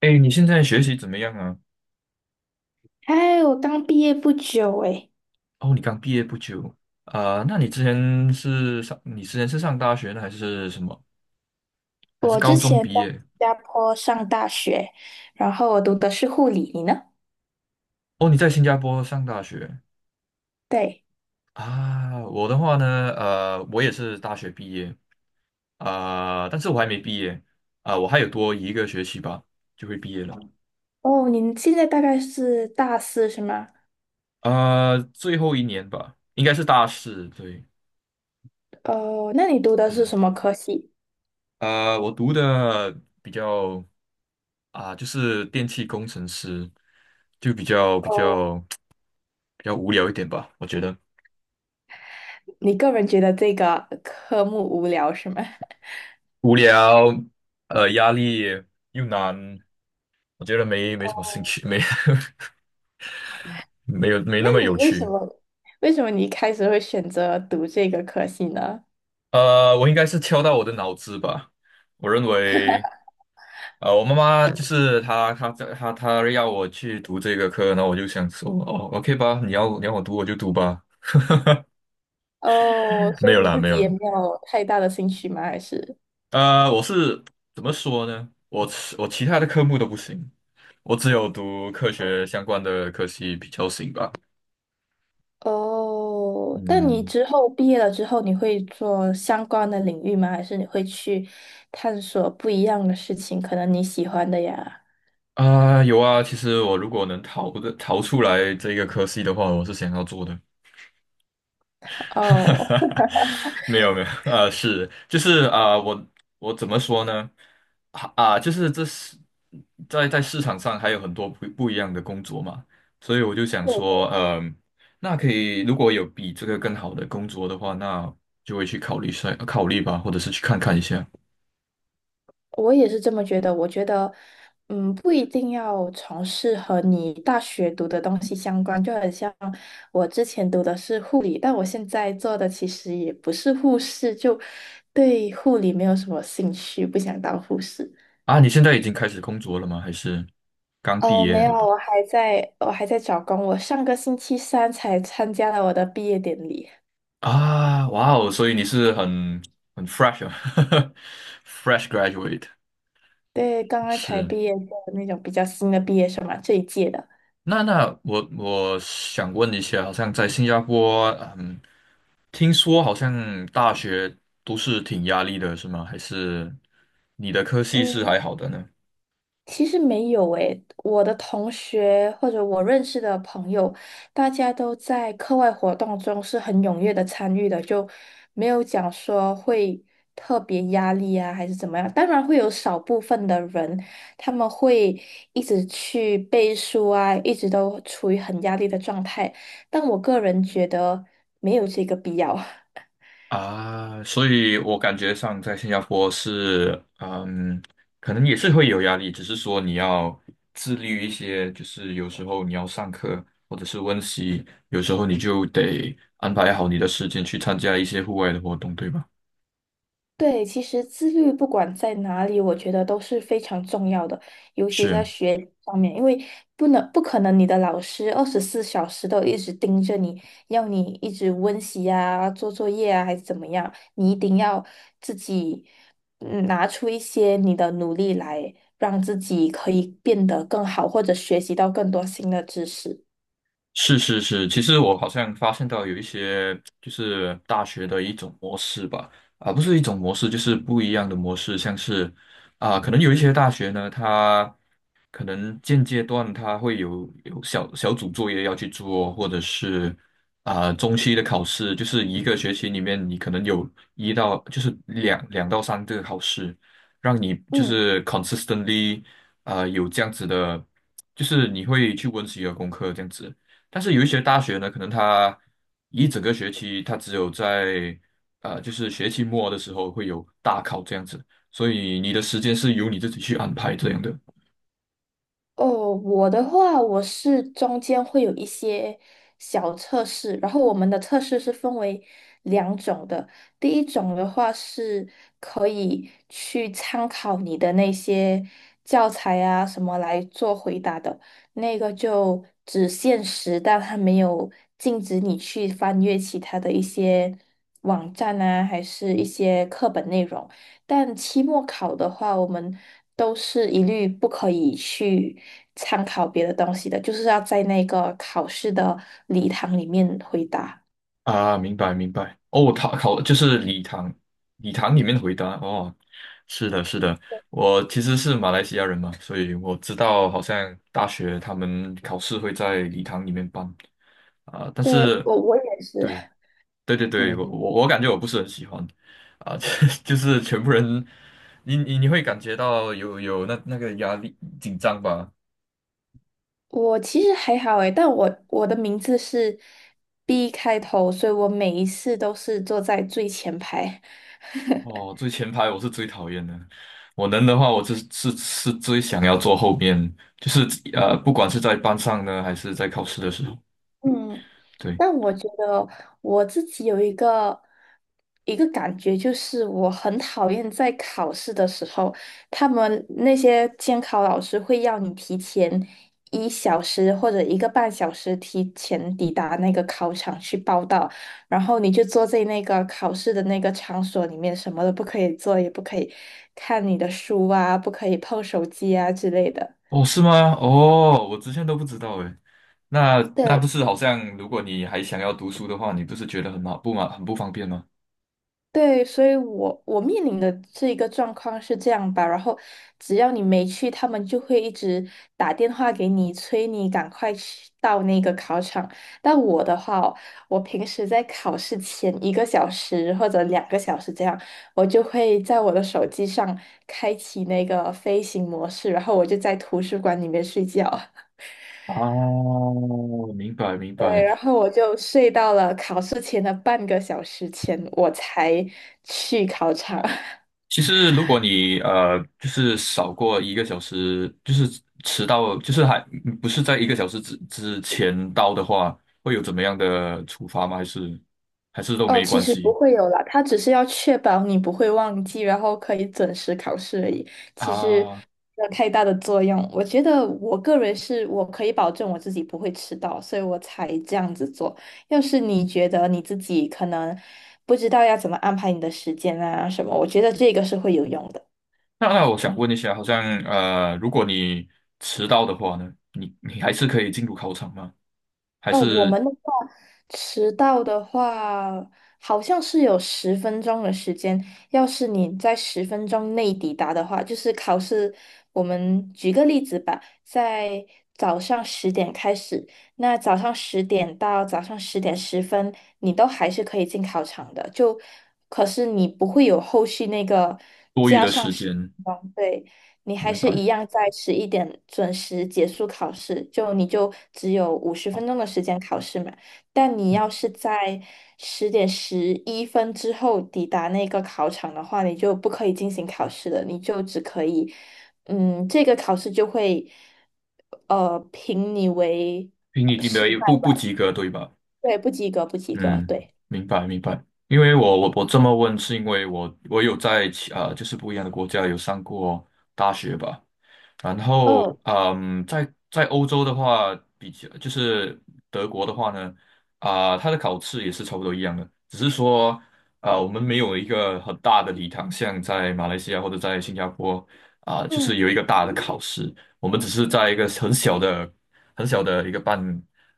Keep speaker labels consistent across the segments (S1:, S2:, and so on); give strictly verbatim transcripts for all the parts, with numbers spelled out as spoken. S1: 哎，你现在学习怎么样啊？
S2: 还我刚毕业不久诶，
S1: 哦，你刚毕业不久。啊，那你之前是上，你之前是上大学呢，还是什么？还是
S2: 我
S1: 高
S2: 之
S1: 中
S2: 前在
S1: 毕
S2: 新
S1: 业？
S2: 加坡上大学，然后我读的是护理，你呢？
S1: 哦，你在新加坡上大学。
S2: 对，
S1: 啊？我的话呢，呃，我也是大学毕业。啊，但是我还没毕业。啊，我还有多一个学期吧，就会毕业了。
S2: 哦，你现在大概是大四是吗？
S1: 啊，最后一年吧，应该是大四，对，
S2: 哦，那你读的是
S1: 是
S2: 什么科系？
S1: 呃，我读的比较啊，就是电气工程师，就比较比
S2: 哦，
S1: 较。比较无聊一点吧，我觉得
S2: 你个人觉得这个科目无聊是吗？
S1: 无聊，呃，压力又难，我觉得没没什么兴
S2: 哦，
S1: 趣，没 没有没那
S2: 那
S1: 么
S2: 你
S1: 有
S2: 为什
S1: 趣。
S2: 么为什么你一开始会选择读这个科系呢？
S1: 呃，我应该是敲到我的脑子吧。我认为，呃，我妈妈就是她，她在她她要我去读这个课，然后我就想说，哦，OK 吧，你要你要我读我就读吧。
S2: 哦，所
S1: 没有
S2: 以你
S1: 啦，
S2: 自
S1: 没
S2: 己
S1: 有
S2: 也
S1: 啦。
S2: 没有太大的兴趣吗？还是？
S1: 呃，我是怎么说呢？我其我其他的科目都不行，我只有读科学相关的科系比较行吧。
S2: 哦，但你
S1: 嗯。
S2: 之后毕业了之后，你会做相关的领域吗？还是你会去探索不一样的事情？可能你喜欢的呀。
S1: 啊，有啊，其实我如果能逃的逃出来这个科系的话，我是想要做的。
S2: 哦，
S1: 没有没有，啊，是就是啊，我我怎么说呢？啊，啊就是这是在在市场上还有很多不不一样的工作嘛，所以我就想
S2: 对，
S1: 说，嗯、那可以如果有比这个更好的工作的话，那就会去考虑一下考虑吧，或者是去看看一下。
S2: 我也是这么觉得。我觉得，嗯，不一定要从事和你大学读的东西相关，就很像我之前读的是护理，但我现在做的其实也不是护士，就对护理没有什么兴趣，不想当护士。
S1: 啊，你现在已经开始工作了吗？还是刚毕
S2: 哦，没
S1: 业？
S2: 有，我还在，我还在找工。我上个星期三才参加了我的毕业典礼，
S1: 啊，哇哦，所以你是很很 fresh 啊 ，fresh graduate
S2: 对，刚刚才
S1: 是。
S2: 毕业的那种比较新的毕业生嘛，这一届的。
S1: 那那我我想问一下，好像在新加坡，嗯，听说好像大学都是挺压力的，是吗？还是你的科系是
S2: 嗯，
S1: 还好的呢？
S2: 其实没有诶，我的同学或者我认识的朋友，大家都在课外活动中是很踊跃的参与的，就没有讲说会特别压力啊，还是怎么样。当然会有少部分的人，他们会一直去背书啊，一直都处于很压力的状态，但我个人觉得没有这个必要。
S1: 啊，所以我感觉上在新加坡是，嗯，可能也是会有压力，只是说你要自律一些，就是有时候你要上课或者是温习，有时候你就得安排好你的时间去参加一些户外的活动，对吧？
S2: 对，其实自律不管在哪里，我觉得都是非常重要的，尤其在
S1: 是。
S2: 学习方面，因为不能不可能你的老师二十四小时都一直盯着你，要你一直温习啊、做作业啊，还是怎么样，你一定要自己嗯拿出一些你的努力来，让自己可以变得更好，或者学习到更多新的知识。
S1: 是是是，其实我好像发现到有一些就是大学的一种模式吧，啊，不是一种模式，就是不一样的模式，像是啊，可能有一些大学呢，它可能现阶段它会有有小小组作业要去做，或者是啊中期的考试，就是一个学期里面你可能有一到就是两两到三个考试，让你就
S2: 嗯。
S1: 是 consistently 啊有这样子的，就是你会去温习你的功课这样子。但是有一些大学呢，可能它一整个学期，它只有在呃，就是学期末的时候会有大考这样子，所以你的时间是由你自己去安排这样的。
S2: 哦，我的话，我是中间会有一些小测试，然后我们的测试是分为两种的。第一种的话是可以去参考你的那些教材啊什么来做回答的，那个就只限时，但它没有禁止你去翻阅其他的一些网站啊，还是一些课本内容。但期末考的话，我们都是一律不可以去参考别的东西的，就是要在那个考试的礼堂里面回答。
S1: 啊，明白明白。哦，他考就是礼堂，礼堂里面回答哦，是的，是的，我其实是马来西亚人嘛，所以我知道好像大学他们考试会在礼堂里面办啊，但
S2: 对，
S1: 是。
S2: 我我也是，
S1: 对。对对对，我
S2: 嗯，
S1: 我我感觉我不是很喜欢，啊，就是全部人，你你你会感觉到有有那那个压力紧张吧？
S2: 我其实还好诶，但我我的名字是 B 开头，所以我每一次都是坐在最前排。
S1: 哦，最前排我是最讨厌的，我能的话我是是是最想要坐后面，就是呃，不管是在班上呢，还是在考试的时候，
S2: 嗯，
S1: 对，
S2: 那我觉得我自己有一个一个感觉，就是我很讨厌在考试的时候，他们那些监考老师会要你提前一小时或者一个半小时提前抵达那个考场去报到，然后你就坐在那个考试的那个场所里面，什么都不可以做，也不可以看你的书啊，不可以碰手机啊之类的。
S1: 哦，是吗？哦，我之前都不知道诶，那那
S2: 对。
S1: 不是好像如果你还想要读书的话，你不是觉得很麻不麻很不方便吗？
S2: 对，所以我我面临的这一个状况是这样吧，然后只要你没去，他们就会一直打电话给你，催你赶快去到那个考场。但我的话哦我平时在考试前一个小时或者两个小时这样，我就会在我的手机上开启那个飞行模式，然后我就在图书馆里面睡觉。
S1: 哦，明白明
S2: 对，然
S1: 白。
S2: 后我就睡到了考试前的半个小时前，我才去考场。
S1: 其实，如果你呃，就是少过一个小时，就是迟到，就是还不是在一个小时之之前到的话，会有怎么样的处罚吗？还是还是都
S2: 哦，
S1: 没
S2: 其
S1: 关
S2: 实不
S1: 系
S2: 会有啦，他只是要确保你不会忘记，然后可以准时考试而已。其实
S1: 啊？
S2: 没有太大的作用。我觉得我个人是我可以保证我自己不会迟到，所以我才这样子做。要是你觉得你自己可能不知道要怎么安排你的时间啊什么，我觉得这个是会有用的。
S1: 那那我想问一下，好像呃，如果你迟到的话呢，你你还是可以进入考场吗？还
S2: 哦，我
S1: 是
S2: 们的话，迟到的话，好像是有十分钟的时间。要是你在十分钟内抵达的话，就是考试。我们举个例子吧，在早上十点开始，那早上十点到早上十点十分，你都还是可以进考场的。就，可是你不会有后续那个
S1: 多余
S2: 加
S1: 的
S2: 上
S1: 时
S2: 十
S1: 间？
S2: 分钟，对。你还
S1: 明
S2: 是一
S1: 白？
S2: 样在十一点准时结束考试，就你就只有五十
S1: 哦
S2: 分钟的时间考试嘛。但你
S1: 嗯，
S2: 要是在十点十一分之后抵达那个考场的话，你就不可以进行考试了，你就只可以，嗯，这个考试就会，呃，评你为
S1: 评
S2: 呃
S1: 你没
S2: 失败
S1: 有不不
S2: 吧，
S1: 及格，对吧？
S2: 对，不及格，不及格，
S1: 嗯，
S2: 对。
S1: 明白明白。因为我我我这么问，是因为我我有在其啊、就是不一样的国家有上过大学吧。然后
S2: 哦，
S1: 嗯，在在欧洲的话，比较就是德国的话呢，啊、它的考试也是差不多一样的，只是说啊、我们没有一个很大的礼堂，像在马来西亚或者在新加坡啊、就是
S2: 嗯，
S1: 有一个大的考试，我们只是在一个很小的很小的一个班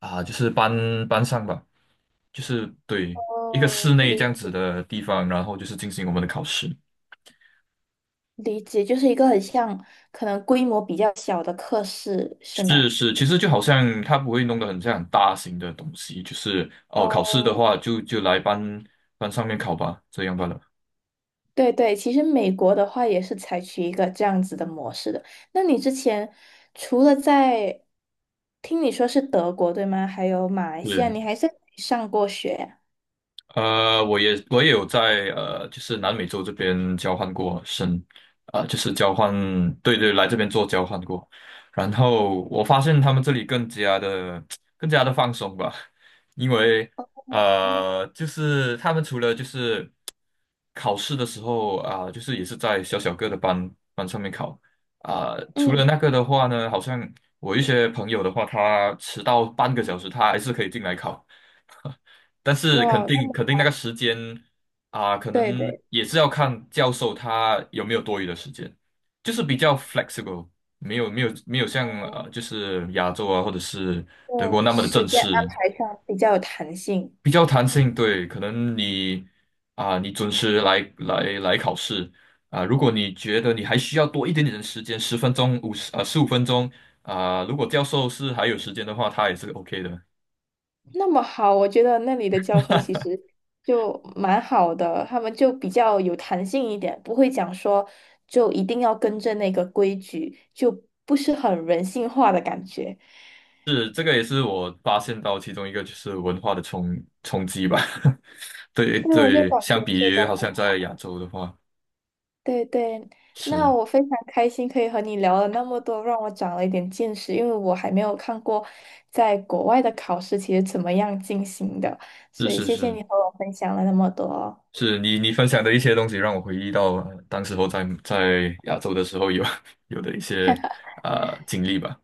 S1: 啊、就是班班上吧。就是对一个室
S2: 哦，
S1: 内
S2: 理
S1: 这样子的地方，然后就是进行我们的考试。
S2: 理解，就是一个很像可能规模比较小的课室，是
S1: 是
S2: 吗？
S1: 是，其实就好像它不会弄得很像很大型的东西，就是哦，考试的
S2: 哦，
S1: 话就就来班班上面考吧，这样罢了。
S2: 对对，其实美国的话也是采取一个这样子的模式的。那你之前除了在，听你说是德国，对吗？还有马来西亚，
S1: 是
S2: 你还在上过学呀？
S1: 呃，我也我也有在呃，就是南美洲这边交换过生，呃，就是交换，对对，来这边做交换过。然后我发现他们这里更加的 更加的放松吧，因为
S2: 嗯，
S1: 呃，就是他们除了就是考试的时候啊、就是也是在小小个的班班上面考啊、除了
S2: 嗯，
S1: 那个的话呢，好像我一些朋友的话，他迟到半个小时，他还是可以进来考。但是肯
S2: 哇，那
S1: 定
S2: 么
S1: 肯定那个时间啊，可
S2: 对
S1: 能
S2: 对，
S1: 也是要看教授他有没有多余的时间，就是比较 flexible，没有没有没有像呃，就是亚洲啊或者是德国
S2: 就
S1: 那么的
S2: 时
S1: 正
S2: 间安
S1: 式，
S2: 排上比较有弹性。
S1: 比较弹性。对，可能你啊，你准时来来来考试啊，如果你觉得你还需要多一点点的时间，十分钟、五十呃十五分钟啊，如果教授是还有时间的话，他也是 OK 的。
S2: 那么好，我觉得那里的教授其实就蛮好的，他们就比较有弹性一点，不会讲说就一定要跟着那个规矩，就不是很人性化的感觉。
S1: 是，这个也是我发现到其中一个就是文化的冲冲击吧。对
S2: 对，我就
S1: 对，
S2: 感觉
S1: 相比
S2: 这
S1: 于
S2: 个
S1: 好
S2: 很
S1: 像在
S2: 好。
S1: 亚洲的话，
S2: 对对，那
S1: 是
S2: 我非常开心可以和你聊了那么多，让我长了一点见识，因为我还没有看过在国外的考试其实怎么样进行的，
S1: 是
S2: 所以
S1: 是
S2: 谢谢
S1: 是，
S2: 你和我分享了那么多。
S1: 是，你你分享的一些东西让我回忆到呃当时候在在亚洲的时候有 有的一些啊、呃经历吧。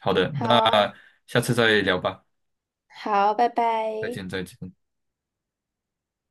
S1: 好的，
S2: 好
S1: 那
S2: 啊，
S1: 下次再聊吧，
S2: 好，拜
S1: 再见
S2: 拜。
S1: 再见。